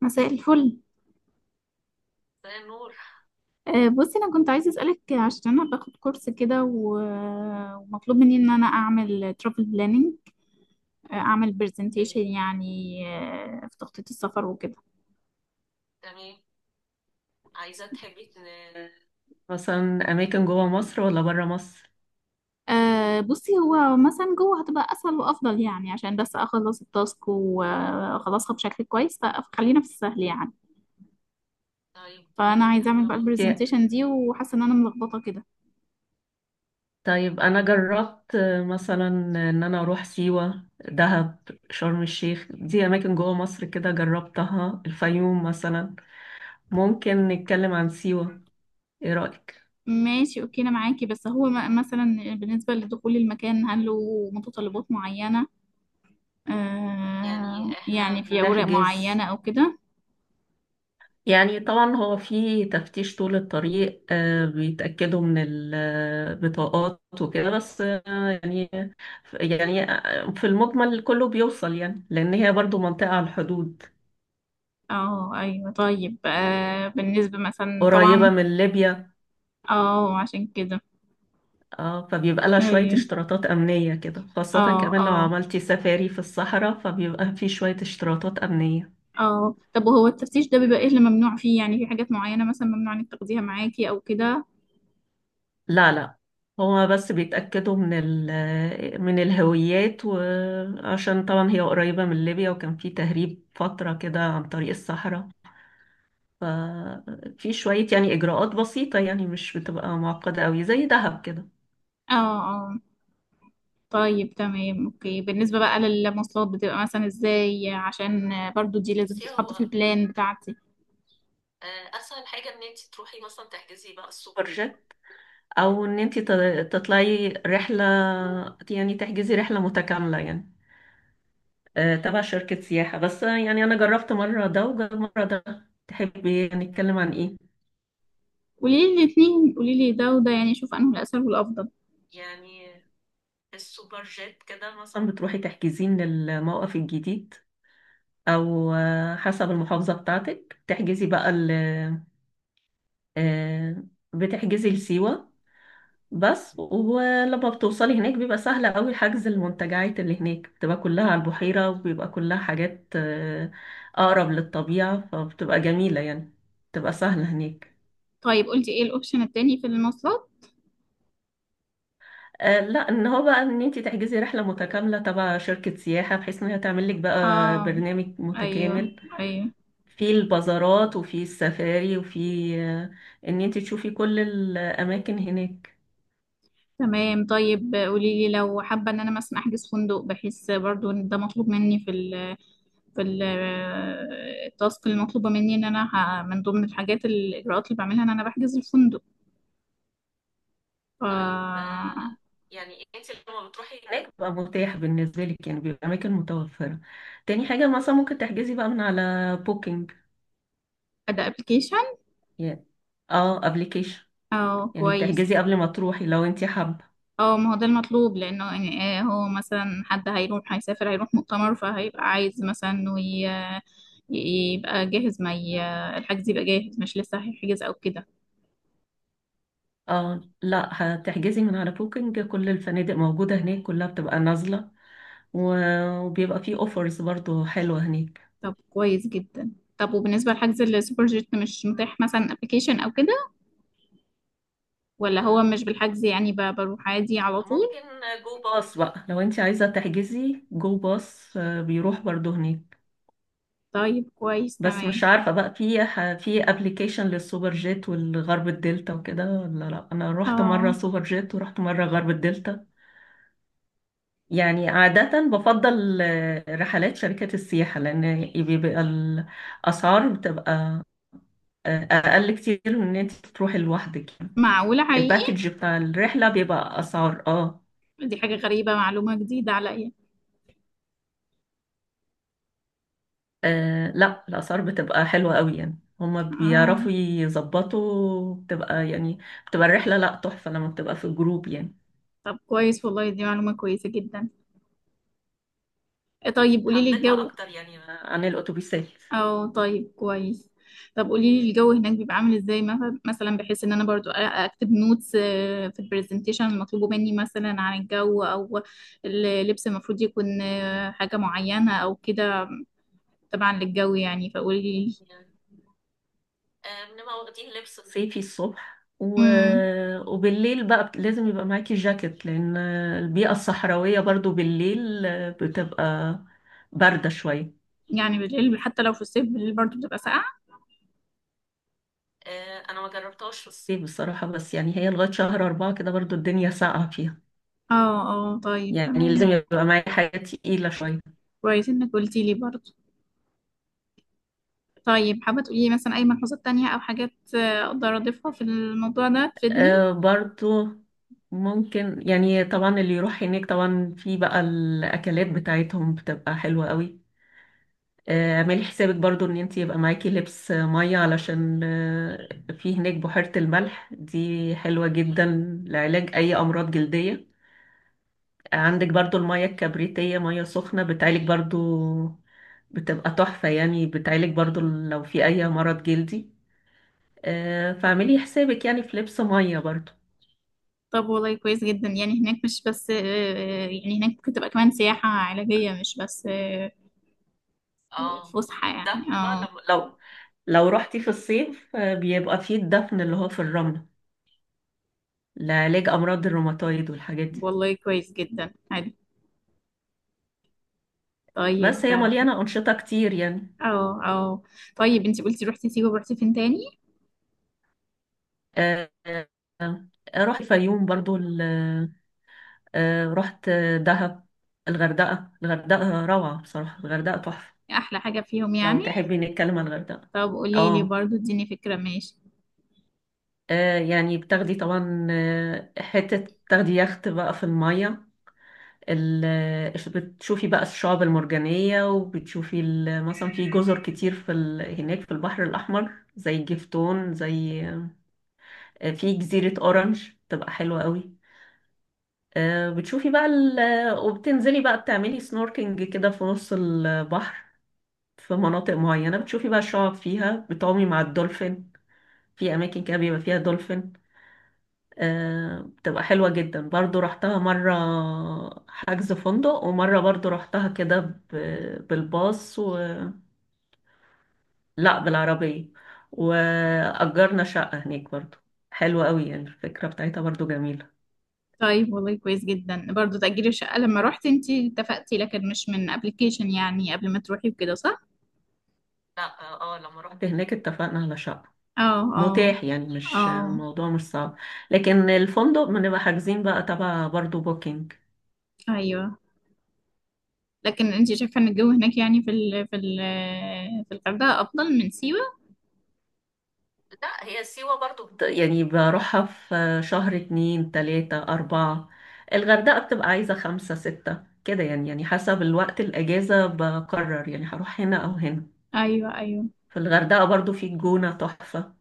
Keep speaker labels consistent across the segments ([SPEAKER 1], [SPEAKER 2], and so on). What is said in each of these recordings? [SPEAKER 1] مساء الفل.
[SPEAKER 2] ده نور.
[SPEAKER 1] بصي، انا كنت عايزه اسالك عشان انا باخد كورس كده و- ومطلوب مني ان انا اعمل ترافل بلاننج، اعمل برزنتيشن
[SPEAKER 2] اوكي،
[SPEAKER 1] يعني، في تخطيط السفر وكده.
[SPEAKER 2] تمام. عايزة تحبي مثلا اماكن جوه مصر ولا بره مصر؟
[SPEAKER 1] بصي، هو مثلا جوه هتبقى اسهل وافضل يعني، عشان بس اخلص التاسك واخلصها بشكل كويس، فخلينا في السهل يعني.
[SPEAKER 2] طيب
[SPEAKER 1] فانا
[SPEAKER 2] اوكي،
[SPEAKER 1] عايزه اعمل
[SPEAKER 2] انا
[SPEAKER 1] بقى
[SPEAKER 2] بقول اوكي.
[SPEAKER 1] البرزنتيشن دي وحاسه ان انا ملخبطه كده.
[SPEAKER 2] طيب انا جربت، مثلا، ان انا اروح سيوة، دهب، شرم الشيخ. دي اماكن جوه مصر كده جربتها، الفيوم مثلا. ممكن نتكلم عن سيوة، ايه رأيك؟
[SPEAKER 1] ماشي اوكي، انا معاكي. بس هو مثلا بالنسبه لدخول المكان هل له متطلبات معينه، آه
[SPEAKER 2] يعني احنا
[SPEAKER 1] يعني في أوراق
[SPEAKER 2] نحجز،
[SPEAKER 1] معينة أو كده؟
[SPEAKER 2] يعني طبعا هو في تفتيش طول الطريق، بيتأكدوا من البطاقات وكده، بس يعني في المجمل كله بيوصل يعني، لأن هي برضو منطقة على الحدود
[SPEAKER 1] اه أيوة. طيب آه بالنسبة مثلا
[SPEAKER 2] قريبة
[SPEAKER 1] طبعا،
[SPEAKER 2] من ليبيا.
[SPEAKER 1] اه عشان كده.
[SPEAKER 2] فبيبقى لها شوية
[SPEAKER 1] أيوة،
[SPEAKER 2] اشتراطات أمنية كده، خاصة
[SPEAKER 1] اه
[SPEAKER 2] كمان لو
[SPEAKER 1] اه.
[SPEAKER 2] عملتي سفاري في الصحراء فبيبقى في شوية اشتراطات أمنية.
[SPEAKER 1] اه طب وهو التفتيش ده بيبقى ايه اللي ممنوع فيه يعني؟ في حاجات معينة مثلا ممنوع انك تاخديها معاكي أو كده؟
[SPEAKER 2] لا لا، هو بس بيتأكدوا من من الهويات، وعشان طبعا هي قريبة من ليبيا وكان في تهريب فترة كده عن طريق الصحراء. ففي شوية يعني إجراءات بسيطة، يعني مش بتبقى معقدة أوي زي دهب كده.
[SPEAKER 1] اه اه. طيب تمام اوكي. بالنسبة بقى للمواصلات بتبقى مثلا ازاي؟ عشان برضو دي لازم
[SPEAKER 2] بصي،
[SPEAKER 1] تتحط في
[SPEAKER 2] هو
[SPEAKER 1] البلان بتاعتي.
[SPEAKER 2] اسهل حاجه ان انت تروحي مثلا تحجزي بقى السوبر جيت، او ان انت تطلعي رحله، يعني تحجزي رحله متكامله يعني، تبع شركة سياحة. بس يعني أنا جربت مرة ده وجربت مرة ده، تحبي نتكلم عن إيه؟
[SPEAKER 1] قولي لي الاتنين، قولي لي ده وده يعني، شوف انه الأسهل والأفضل.
[SPEAKER 2] يعني السوبر جيت كده مثلا بتروحي تحجزين للموقف الجديد، أو حسب المحافظة بتاعتك تحجزي بقى ال آه، بتحجزي لسيوة بس، ولما بتوصلي هناك بيبقى سهل أوي حجز المنتجعات. اللي هناك بتبقى كلها على البحيرة، وبيبقى كلها حاجات أقرب للطبيعة، فبتبقى جميلة يعني، بتبقى سهلة هناك.
[SPEAKER 1] طيب قلتي ايه الاوبشن التاني في المواصلات؟
[SPEAKER 2] لا، ان هو بقى ان انت تحجزي رحله متكامله تبع شركه سياحه، بحيث ان هي تعمل لك بقى
[SPEAKER 1] اه
[SPEAKER 2] برنامج
[SPEAKER 1] ايوه
[SPEAKER 2] متكامل
[SPEAKER 1] ايوه.
[SPEAKER 2] في البازارات، وفي السفاري، وفي آه، ان انت تشوفي كل الاماكن هناك.
[SPEAKER 1] تمام. طيب قولي لي لو حابه ان انا مثلا احجز فندق، بحيث برضو ان ده مطلوب مني في ال في التاسك المطلوبه مني، ان انا من ضمن الحاجات الاجراءات اللي بعملها ان انا بحجز الفندق، ف...
[SPEAKER 2] هناك بقى متاح بالنسبه لك يعني، بيبقى اماكن متوفره. تاني حاجه مثلا ممكن تحجزي بقى من على بوكينج.
[SPEAKER 1] ده ابلكيشن؟
[SPEAKER 2] يعني اه، ابلكيشن،
[SPEAKER 1] اه
[SPEAKER 2] يعني بتحجزي
[SPEAKER 1] كويس.
[SPEAKER 2] قبل ما تروحي لو انت حابه.
[SPEAKER 1] اه ما هو ده المطلوب، لانه يعني هو مثلا حد هيروح هيسافر هيروح مؤتمر، فهيبقى عايز مثلا انه يبقى جاهز، ما ي- الحجز يبقى جاهز، مش لسه هيحجز او كده.
[SPEAKER 2] اه لا، هتحجزي من على بوكينج، كل الفنادق موجوده هناك كلها بتبقى نازله، وبيبقى فيه اوفرز برضو حلوة هناك.
[SPEAKER 1] طب كويس جدا. طب وبالنسبة لحجز السوبر جيت، مش متاح مثلا ابلكيشن او كده؟ ولا
[SPEAKER 2] آه،
[SPEAKER 1] هو مش بالحجز يعني، بروح عادي على طول؟
[SPEAKER 2] ممكن جو باص باص بقى، لو انت عايزة تحجزي جو باص بيروح برضو هناك.
[SPEAKER 1] طيب كويس
[SPEAKER 2] بس
[SPEAKER 1] تمام.
[SPEAKER 2] مش عارفة بقى في في ابلكيشن للسوبر جيت والغرب الدلتا وكده ولا لا. انا رحت مرة
[SPEAKER 1] اه
[SPEAKER 2] سوبر جيت، ورحت مرة غرب الدلتا. يعني عادة بفضل رحلات شركات السياحة، لان بيبقى الاسعار بتبقى اقل كتير من ان انت تروحي لوحدك يعني.
[SPEAKER 1] معقولة حقيقي.
[SPEAKER 2] الباكج بتاع الرحلة بيبقى اسعار، اه.
[SPEAKER 1] دي حاجة غريبة، معلومة جديدة عليا.
[SPEAKER 2] آه لا، الأسعار بتبقى حلوة قوي يعني، هما
[SPEAKER 1] اه.
[SPEAKER 2] بيعرفوا يظبطوا، بتبقى يعني، بتبقى الرحلة لا تحفة لما بتبقى في جروب يعني.
[SPEAKER 1] طب كويس والله، دي معلومة كويسة جدا. إيه، طيب قولي لي الجو.
[SPEAKER 2] عن الأتوبيسات.
[SPEAKER 1] اه طيب كويس. طب قولي لي الجو هناك بيبقى عامل ازاي؟ مثلا بحيث ان انا برضو اكتب نوتس في البرزنتيشن المطلوبه مني، مثلا عن الجو او اللبس المفروض يكون حاجه معينه او كده. طبعا للجو يعني، فقولي لي.
[SPEAKER 2] صيفي الصبح،
[SPEAKER 1] امم
[SPEAKER 2] وبالليل بقى لازم يبقى معاكي جاكيت، لأن البيئة الصحراوية برضو بالليل بتبقى باردة شوية.
[SPEAKER 1] يعني بالليل حتى لو في الصيف، بالليل برضو بتبقى ساقعه؟
[SPEAKER 2] انا ما جربتهاش في الصيف، الصيف بصراحة، بس يعني هي لغاية شهر أربعة كده برضو الدنيا ساقعة فيها.
[SPEAKER 1] اه اه. طيب
[SPEAKER 2] يعني لازم
[SPEAKER 1] تمام،
[SPEAKER 2] يبقى معايا حاجة تقيلة شوية.
[SPEAKER 1] كويس انك قلتي لي برضو. طيب حابه تقولي لي مثلا اي ملحوظات تانية او حاجات اقدر اضيفها في الموضوع ده تفيدني؟
[SPEAKER 2] برضو ممكن يعني، طبعا اللي يروح هناك طبعا في بقى الأكلات بتاعتهم بتبقى حلوة قوي. اعملي حسابك برضو ان انت يبقى معاكي لبس مية، علشان في هناك بحيرة الملح دي حلوة جدا لعلاج أي أمراض جلدية. عندك برضو المية الكبريتية، مية سخنة بتعالج برضو، بتبقى تحفة يعني، بتعالج برضو لو في أي مرض جلدي. فاعملي حسابك يعني في لبس مية برضو.
[SPEAKER 1] طب والله كويس جدا. يعني هناك مش بس يعني هناك ممكن تبقى كمان سياحة علاجية، مش بس
[SPEAKER 2] اه،
[SPEAKER 1] فسحة
[SPEAKER 2] في
[SPEAKER 1] يعني،
[SPEAKER 2] الدفن بقى،
[SPEAKER 1] اه.
[SPEAKER 2] لو لو رحتي في الصيف بيبقى في الدفن اللي هو في الرمل لعلاج امراض الروماتويد والحاجات دي.
[SPEAKER 1] والله كويس جدا، حلو.
[SPEAKER 2] بس
[SPEAKER 1] طيب
[SPEAKER 2] هي
[SPEAKER 1] اه
[SPEAKER 2] مليانه انشطه كتير يعني.
[SPEAKER 1] اه آه. طيب انتي قلتي روحتي سيوة ورحتي فين تاني؟
[SPEAKER 2] آه، آه، آه، رحت الفيوم برضو، رحت دهب، الغردقه. الغردقه روعه بصراحه، الغردقه تحفه.
[SPEAKER 1] احلى حاجة فيهم
[SPEAKER 2] لو
[SPEAKER 1] يعني؟
[SPEAKER 2] تحبي نتكلم عن الغردقه.
[SPEAKER 1] طب قولي لي
[SPEAKER 2] اه،
[SPEAKER 1] برضو، اديني فكرة، ماشي.
[SPEAKER 2] يعني بتاخدي طبعا حته، تاخدي يخت بقى في الميه، بتشوفي بقى الشعاب المرجانية، وبتشوفي مثلا في جزر كتير في هناك في البحر الأحمر زي جفتون، زي في جزيرة أورنج، تبقى حلوة قوي. آه، بتشوفي بقى ال... وبتنزلي بقى بتعملي سنوركينج كده في نص البحر، في مناطق معينة بتشوفي بقى الشعاب فيها، بتعومي مع الدولفين. في أماكن كده بيبقى فيها دولفين. بتبقى حلوة جدا برضو. رحتها مرة حجز فندق، ومرة برضو رحتها كده بالباص لا بالعربية، وأجرنا شقة هناك برضو. حلوة قوي يعني، الفكرة بتاعتها برضو جميلة.
[SPEAKER 1] طيب والله كويس جدا. برضو تأجير الشقة لما روحتي انتي اتفقتي، لكن مش من ابلكيشن يعني قبل ما تروحي وكده، صح؟
[SPEAKER 2] لا. اه، لما رحت هناك اتفقنا على شقة،
[SPEAKER 1] اه اه
[SPEAKER 2] متاح يعني، مش
[SPEAKER 1] اه.
[SPEAKER 2] الموضوع مش صعب. لكن الفندق بنبقى حاجزين بقى تبع برضو بوكينج.
[SPEAKER 1] ايوه. لكن انت شايفه ان الجو هناك يعني في ال في ال في الغردقه افضل من سيوه؟
[SPEAKER 2] لا، هي سيوة برضو يعني بروحها في شهر اتنين، تلاتة، أربعة. الغردقة بتبقى عايزة خمسة، ستة كده يعني. يعني حسب الوقت، الأجازة، بقرر يعني هروح هنا أو هنا.
[SPEAKER 1] ايوه ايوه.
[SPEAKER 2] في الغردقة برضو، في الجونة تحفة،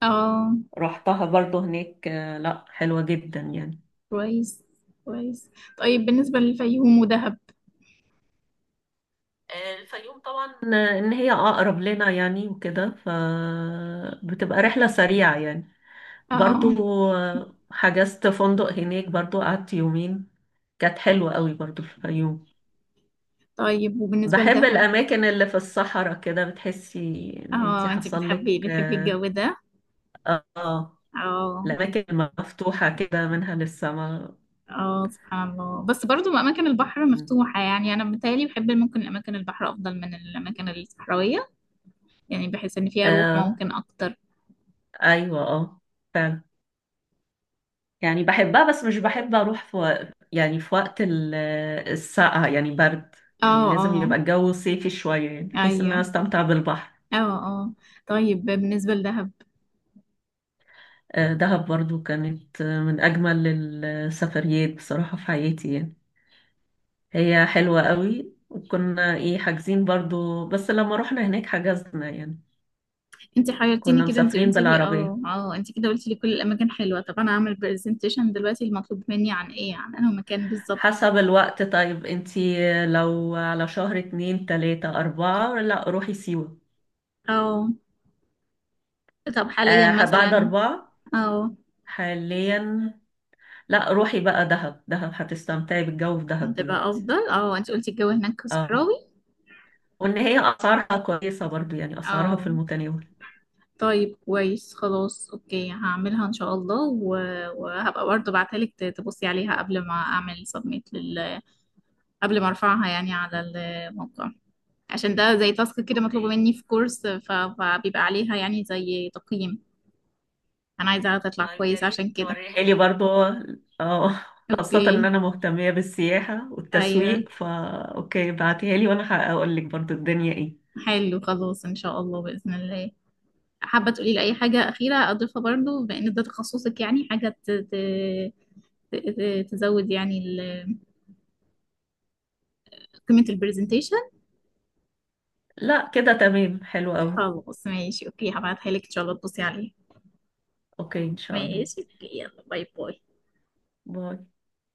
[SPEAKER 1] اه
[SPEAKER 2] رحتها برضو هناك. لا حلوة جدا يعني.
[SPEAKER 1] كويس كويس. طيب بالنسبه للفيوم ودهب.
[SPEAKER 2] الفيوم طبعا إن هي أقرب لنا يعني وكده، فبتبقى رحلة سريعة يعني.
[SPEAKER 1] اه.
[SPEAKER 2] برضو حجزت فندق هناك برضو، قعدت يومين. كانت حلوة قوي برضو، في الفيوم.
[SPEAKER 1] طيب وبالنسبه
[SPEAKER 2] بحب
[SPEAKER 1] لدهب.
[SPEAKER 2] الأماكن اللي في الصحراء كده، بتحسي إن انتي
[SPEAKER 1] اه انت
[SPEAKER 2] حصل لك
[SPEAKER 1] بتحبي بتحبي
[SPEAKER 2] آه.
[SPEAKER 1] الجو ده.
[SPEAKER 2] آه،
[SPEAKER 1] اه
[SPEAKER 2] الأماكن المفتوحة كده منها للسماء.
[SPEAKER 1] اه، سبحان الله. بس برضو اماكن البحر مفتوحه يعني، انا متهيألي بحب ممكن اماكن البحر افضل من الاماكن الصحراويه، يعني بحس ان فيها روح
[SPEAKER 2] آه
[SPEAKER 1] ممكن اكتر.
[SPEAKER 2] أيوة، آه، فعلا. يعني بحبها، بس مش بحب أروح في يعني في وقت السقعة يعني، برد.
[SPEAKER 1] اه
[SPEAKER 2] يعني لازم
[SPEAKER 1] اه
[SPEAKER 2] يبقى الجو صيفي شوية، يعني بحيث إن
[SPEAKER 1] ايوه
[SPEAKER 2] أنا أستمتع بالبحر.
[SPEAKER 1] اه اه. طيب بالنسبه لدهب.
[SPEAKER 2] آه دهب برضو كانت من أجمل السفريات بصراحة في حياتي يعني. هي حلوة قوي، وكنا ايه، حاجزين برضو، بس لما رحنا هناك حجزنا يعني.
[SPEAKER 1] انت حيرتيني
[SPEAKER 2] كنا
[SPEAKER 1] كده، انت
[SPEAKER 2] مسافرين
[SPEAKER 1] قلتي لي
[SPEAKER 2] بالعربية.
[SPEAKER 1] اه اه، انت كده قلتي لي كل الاماكن حلوه، طب انا هعمل برزنتيشن دلوقتي المطلوب مني عن ايه، عن انه مكان بالظبط؟
[SPEAKER 2] حسب الوقت. طيب انتي، لو على شهر اتنين، تلاتة، أربعة، لا روحي سيوة.
[SPEAKER 1] اه. طب حاليا
[SPEAKER 2] آه، بعد
[SPEAKER 1] مثلا.
[SPEAKER 2] أربعة،
[SPEAKER 1] اه
[SPEAKER 2] حاليا، لا روحي بقى دهب، دهب هتستمتعي بالجو في دهب
[SPEAKER 1] هتبقى
[SPEAKER 2] دلوقتي.
[SPEAKER 1] افضل. اه انت قلتي الجو هناك
[SPEAKER 2] اه،
[SPEAKER 1] صحراوي.
[SPEAKER 2] وإن هي أسعارها كويسة برضو، يعني أسعارها في
[SPEAKER 1] اه.
[SPEAKER 2] المتناول.
[SPEAKER 1] طيب كويس خلاص اوكي، هعملها ان شاء الله و... وهبقى برضه بعتلك تبصي عليها قبل ما اعمل سبميت لل... قبل ما ارفعها يعني على الموقع، عشان ده زي تاسك كده مطلوبة
[SPEAKER 2] اوكي.
[SPEAKER 1] مني في كورس، فبيبقى عليها يعني زي تقييم. انا عايزاها تطلع
[SPEAKER 2] طيب يا
[SPEAKER 1] كويسة،
[SPEAKER 2] ريت
[SPEAKER 1] عشان كده.
[SPEAKER 2] توريها لي برضو، اه، خاصة ان
[SPEAKER 1] اوكي.
[SPEAKER 2] انا مهتمية بالسياحة
[SPEAKER 1] ايوه.
[SPEAKER 2] والتسويق، فا اوكي بعتيها لي، وانا هقول لك برضو الدنيا ايه.
[SPEAKER 1] حلو خلاص ان شاء الله، باذن الله. حابة تقولي لي اي حاجة اخيرة اضيفها، برضو بان ده تخصصك يعني، حاجة ت... ت... ت... تزود يعني ال... قيمة البرزنتيشن؟
[SPEAKER 2] لا كده تمام، حلو قوي.
[SPEAKER 1] خلاص ماشي اوكي، هبعتها لك ان شاء الله تبصي عليها.
[SPEAKER 2] اوكي، ان شاء الله.
[SPEAKER 1] ماشي اوكي، يلا باي باي.
[SPEAKER 2] باي.